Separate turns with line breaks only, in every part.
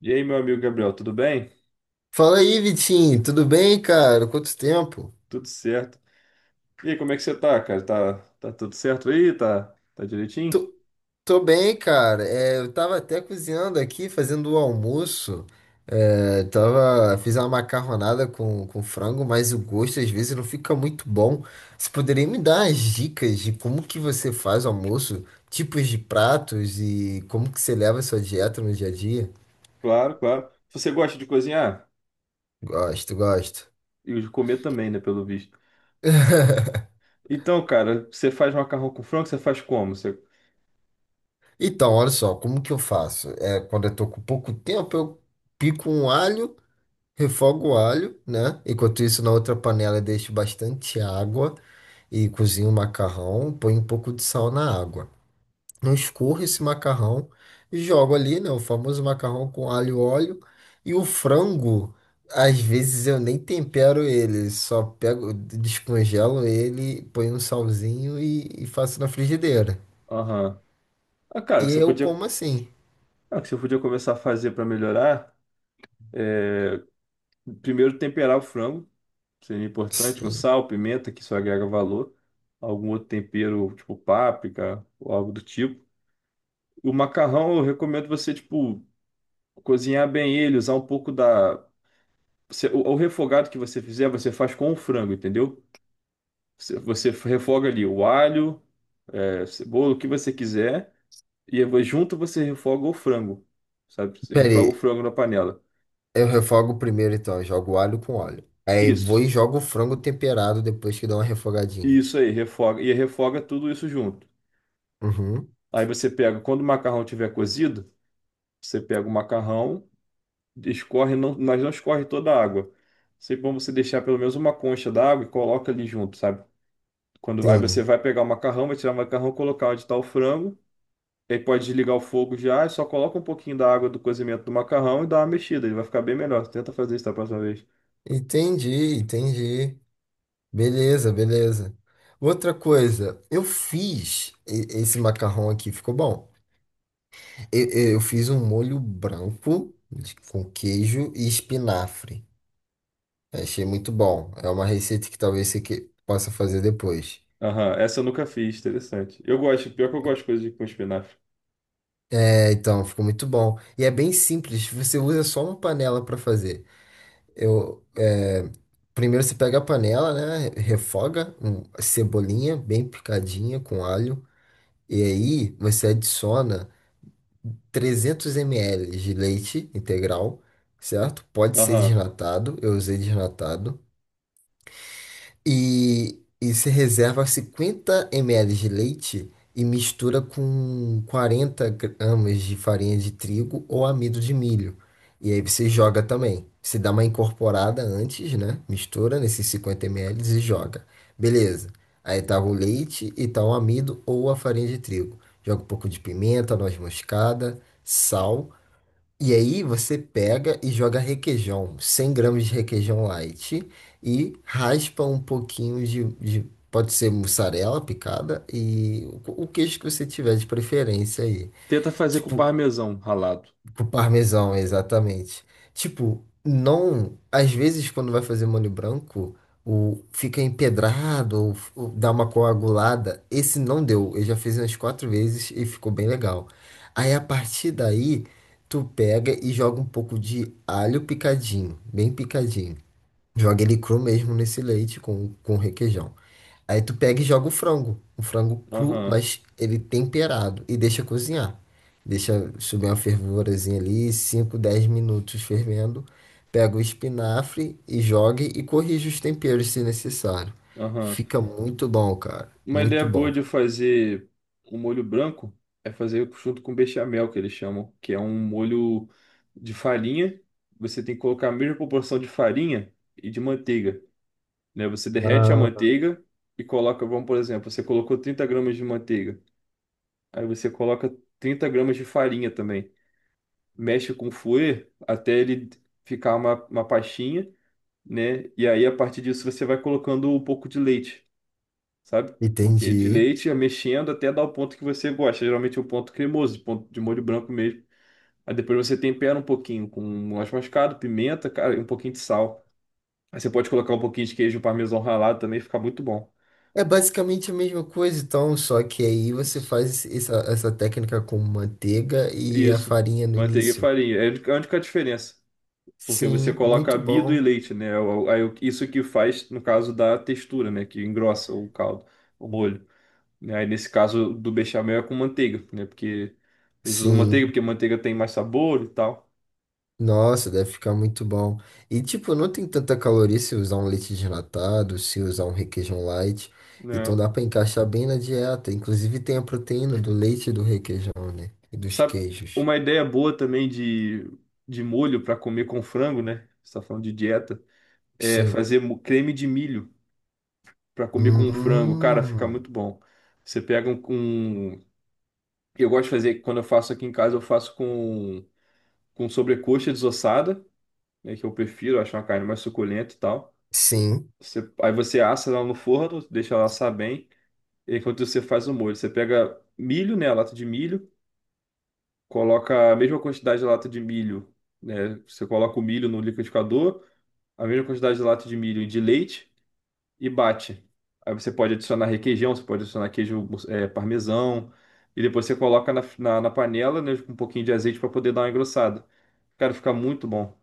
E aí, meu amigo Gabriel, tudo bem?
Fala aí, Vitinho, tudo bem, cara? Quanto tempo?
Tudo certo. E aí, como é que você tá, cara? Tá tudo certo aí? Tá, tá direitinho?
Tô, tô bem, cara. É, eu tava até cozinhando aqui, fazendo o almoço. É, tava, fiz uma macarronada com frango, mas o gosto às vezes não fica muito bom. Você poderia me dar as dicas de como que você faz o almoço, tipos de pratos e como que você leva a sua dieta no dia a dia?
Claro, claro. Você gosta de cozinhar?
Gosto, gosto.
E de comer também, né, pelo visto. Então, cara, você faz macarrão com frango, você faz como?
Então, olha só, como que eu faço? É, quando eu tô com pouco tempo, eu pico um alho. Refogo o alho, né? Enquanto isso, na outra panela, eu deixo bastante água e cozinho o macarrão. Põe um pouco de sal na água. Eu escorro esse macarrão e jogo ali, né? O famoso macarrão com alho e óleo. E o frango, às vezes eu nem tempero ele, só pego, descongelo ele, ponho um salzinho e faço na frigideira.
Aham. Ah, cara,
E eu como assim.
o que você podia começar a fazer para melhorar é, primeiro temperar o frango, seria importante, com
Sim.
sal, pimenta, que isso agrega valor, algum outro tempero, tipo páprica ou algo do tipo. O macarrão, eu recomendo você, tipo, cozinhar bem ele, usar um pouco da. O refogado que você fizer, você faz com o frango, entendeu? Você refoga ali o alho, cebola, o que você quiser, e aí junto você refoga o frango, sabe? Você refoga o
Peraí,
frango na panela.
eu refogo primeiro, então. Eu jogo alho com óleo. Aí vou
Isso,
e jogo o frango temperado depois que dá uma refogadinha.
isso aí, refoga. E refoga tudo isso junto.
Uhum.
Aí você pega, quando o macarrão tiver cozido, você pega o macarrão, escorre, não, mas não escorre toda a água. Sempre bom você deixar pelo menos uma concha d'água e coloca ali junto, sabe? Aí você
Sim.
vai pegar o macarrão, vai tirar o macarrão, colocar onde está o frango. Aí pode desligar o fogo já, e só coloca um pouquinho da água do cozimento do macarrão e dá uma mexida, ele vai ficar bem melhor. Tenta fazer isso da próxima vez.
Entendi, entendi. Beleza, beleza. Outra coisa, eu fiz esse macarrão aqui, ficou bom. Eu, eu fiz um molho branco com queijo e espinafre. Achei muito bom. É uma receita que talvez você possa fazer depois.
Aham, essa eu nunca fiz, interessante. Eu gosto, pior que eu gosto de coisa com espinafre.
É, então, ficou muito bom. E é bem simples, você usa só uma panela para fazer. Eu, Primeiro você pega a panela, né? Refoga cebolinha bem picadinha com alho. E aí você adiciona 300 ml de leite integral, certo? Pode ser
Aham.
desnatado, eu usei desnatado. E você reserva 50 ml de leite e mistura com 40 g de farinha de trigo ou amido de milho. E aí você joga também. Você dá uma incorporada antes, né? Mistura nesses 50 ml e joga. Beleza. Aí tá o leite e tá o amido ou a farinha de trigo. Joga um pouco de pimenta, noz moscada, sal e aí você pega e joga requeijão, 100 g de requeijão light e raspa um pouquinho pode ser mussarela picada e o queijo que você tiver de preferência aí.
Tenta fazer com
Tipo,
parmesão ralado.
pro parmesão, exatamente. Tipo, não. Às vezes, quando vai fazer molho branco, fica empedrado ou dá uma coagulada. Esse não deu. Eu já fiz umas quatro vezes e ficou bem legal. Aí, a partir daí, tu pega e joga um pouco de alho picadinho, bem picadinho. Joga ele cru mesmo nesse leite com requeijão. Aí tu pega e joga o frango. O frango cru,
Aham,
mas ele temperado. E deixa cozinhar. Deixa subir uma fervurazinha ali, 5 10 minutos fervendo. Pega o espinafre e joga e corrige os temperos se necessário.
aham.
Fica muito bom, cara.
Uma
Muito
ideia boa
bom.
de fazer um molho branco é fazer junto com bechamel, que eles chamam, que é um molho de farinha. Você tem que colocar a mesma proporção de farinha e de manteiga. Né? Você derrete a
Ah,
manteiga e coloca, vamos por exemplo, você colocou 30 gramas de manteiga, aí você coloca 30 gramas de farinha também. Mexe com o fouet até ele ficar uma pastinha, né? E aí a partir disso você vai colocando um pouco de leite, sabe? Porque de
entendi.
leite, mexendo até dar o ponto que você gosta. Geralmente é o ponto cremoso, o ponto de molho branco mesmo. Aí depois você tempera um pouquinho com noz moscada, pimenta, cara, e um pouquinho de sal. Aí você pode colocar um pouquinho de queijo parmesão ralado também, fica muito bom.
É basicamente a mesma coisa, então, só que aí você faz essa técnica com manteiga e a
Isso,
farinha no
manteiga e
início.
farinha. É a única diferença. Porque você
Sim,
coloca
muito
amido e
bom.
leite, né? Isso que faz, no caso, da textura, né? Que engrossa o caldo, o molho. Né? Aí nesse caso do bechamel é com manteiga, né? Porque eles usam manteiga
Sim.
porque manteiga tem mais sabor e tal,
Nossa, deve ficar muito bom. E tipo, não tem tanta caloria se usar um leite desnatado, se usar um requeijão light.
né?
Então dá pra encaixar bem na dieta. Inclusive tem a proteína do leite e do requeijão, né? E dos
Sabe,
queijos.
uma ideia boa também de molho para comer com frango, né? Você tá falando de dieta, é
Sim.
fazer creme de milho para comer com frango. Cara, fica
Hum.
muito bom. Você pega um, um Eu gosto de fazer, quando eu faço aqui em casa, eu faço com sobrecoxa desossada, né, que eu prefiro, acho uma carne mais suculenta e tal.
Sim.
Aí você assa ela no forno, deixa ela assar bem, e enquanto você faz o molho, você pega milho, né, a lata de milho, coloca a mesma quantidade de lata de milho, né, você coloca o milho no liquidificador, a mesma quantidade de lata de milho e de leite e bate. Aí você pode adicionar requeijão, você pode adicionar queijo, parmesão, e depois você coloca na panela, né, com um pouquinho de azeite para poder dar uma engrossada. Cara, fica muito bom.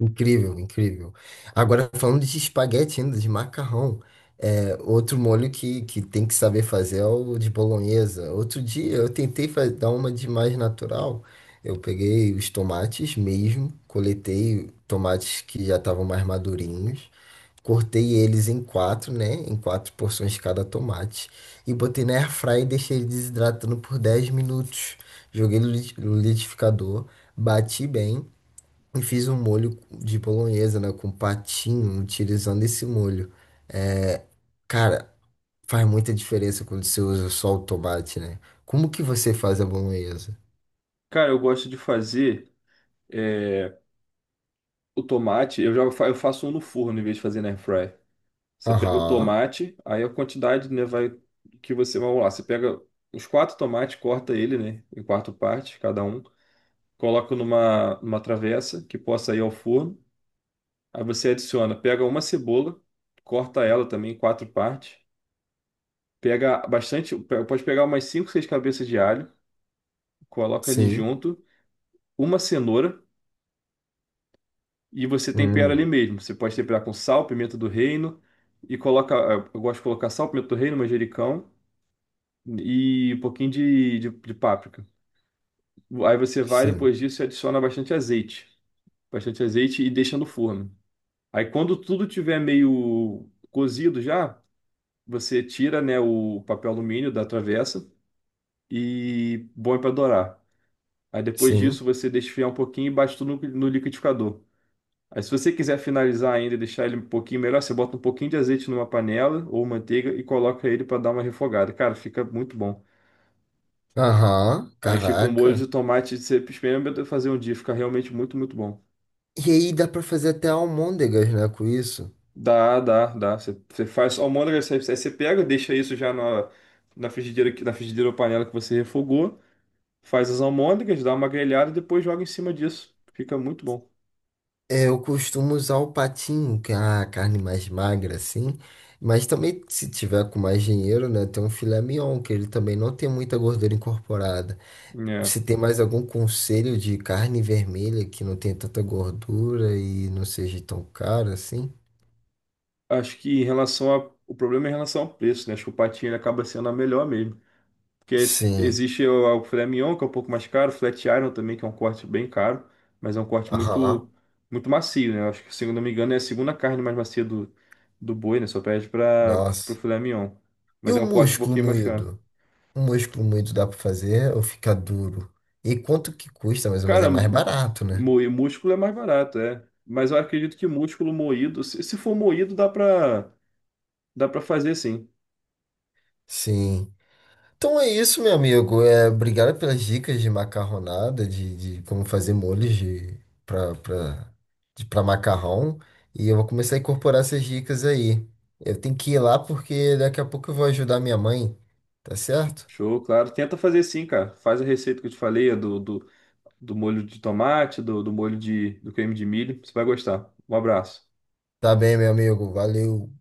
Incrível, incrível. Agora, falando de espaguete ainda, de macarrão, é, outro molho que tem que saber fazer é o de bolonhesa. Outro dia eu tentei dar uma de mais natural. Eu peguei os tomates mesmo, coletei tomates que já estavam mais madurinhos, cortei eles em quatro, né? Em quatro porções cada tomate. E botei na airfryer e deixei ele desidratando por 10 minutos. Joguei no liquidificador, bati bem. E fiz um molho de bolonhesa, né? Com patinho, utilizando esse molho. Cara, faz muita diferença quando você usa só o tomate, né? Como que você faz a bolonhesa?
Cara, eu gosto de fazer é, o tomate. Eu faço um no forno em vez de fazer na airfryer. Você pega o
Aham,
tomate, aí a quantidade, né, vai que você vai lá. Você pega os quatro tomates, corta ele, né, em quatro partes, cada um. Coloca numa travessa que possa ir ao forno. Aí você adiciona, pega uma cebola, corta ela também em quatro partes. Pega bastante, pode pegar umas cinco, seis cabeças de alho, coloca ali
sim.
junto, uma cenoura. E você tempera ali
Hum,
mesmo. Você pode temperar com sal, pimenta do reino e coloca. Eu gosto de colocar sal, pimenta do reino, manjericão e um pouquinho de páprica. Aí você vai
sim,
depois disso e adiciona bastante azeite. Bastante azeite e deixa no forno. Aí quando tudo tiver meio cozido já, você tira, né, o papel alumínio da travessa e põe para dourar. Aí depois disso
sim.
você deixa esfriar um pouquinho e bate tudo no liquidificador. Aí, se você quiser finalizar ainda e deixar ele um pouquinho melhor, você bota um pouquinho de azeite numa panela ou manteiga e coloca ele para dar uma refogada. Cara, fica muito bom.
Aham,
Aí fica um molho de
caraca.
tomate, você experimenta fazer um dia, fica realmente muito, muito bom.
E aí dá pra fazer até almôndegas, né? Com isso.
Dá, dá, dá. Você faz almôndega, você, aí você pega, deixa isso já na frigideira, na frigideira ou panela que você refogou, faz as almôndegas, dá uma grelhada e depois joga em cima disso. Fica muito bom.
É, eu costumo usar o patinho, que é a carne mais magra, assim. Mas também, se tiver com mais dinheiro, né? Tem um filé mignon, que ele também não tem muita gordura incorporada.
É.
Você tem mais algum conselho de carne vermelha que não tenha tanta gordura e não seja tão cara assim?
Acho que o problema é em relação ao preço, né? Acho que o patinho ele acaba sendo a melhor mesmo. Porque
Sim.
existe o filé mignon, que é um pouco mais caro, o flat iron também, que é um corte bem caro, mas é um corte muito,
Aham.
muito macio, né? Eu acho que, se eu não me engano, é a segunda carne mais macia do boi, né? Só perde para o
Nossa.
filé mignon.
E
Mas
o
é um corte um
músculo
pouquinho mais caro.
moído? O músculo moído dá pra fazer ou fica duro? E quanto que custa mais ou menos? É
Cara,
mais barato, né?
moer músculo é mais barato, é. Mas eu acredito que músculo moído, se for moído, dá pra fazer sim.
Sim. Então é isso, meu amigo. É, obrigado pelas dicas de macarronada, de como fazer molhos de para para de para macarrão. E eu vou começar a incorporar essas dicas aí. Eu tenho que ir lá porque daqui a pouco eu vou ajudar minha mãe. Tá certo?
Show, claro. Tenta fazer sim, cara. Faz a receita que eu te falei, a do molho de tomate, do molho de, do creme de milho. Você vai gostar. Um abraço.
Tá bem, meu amigo. Valeu.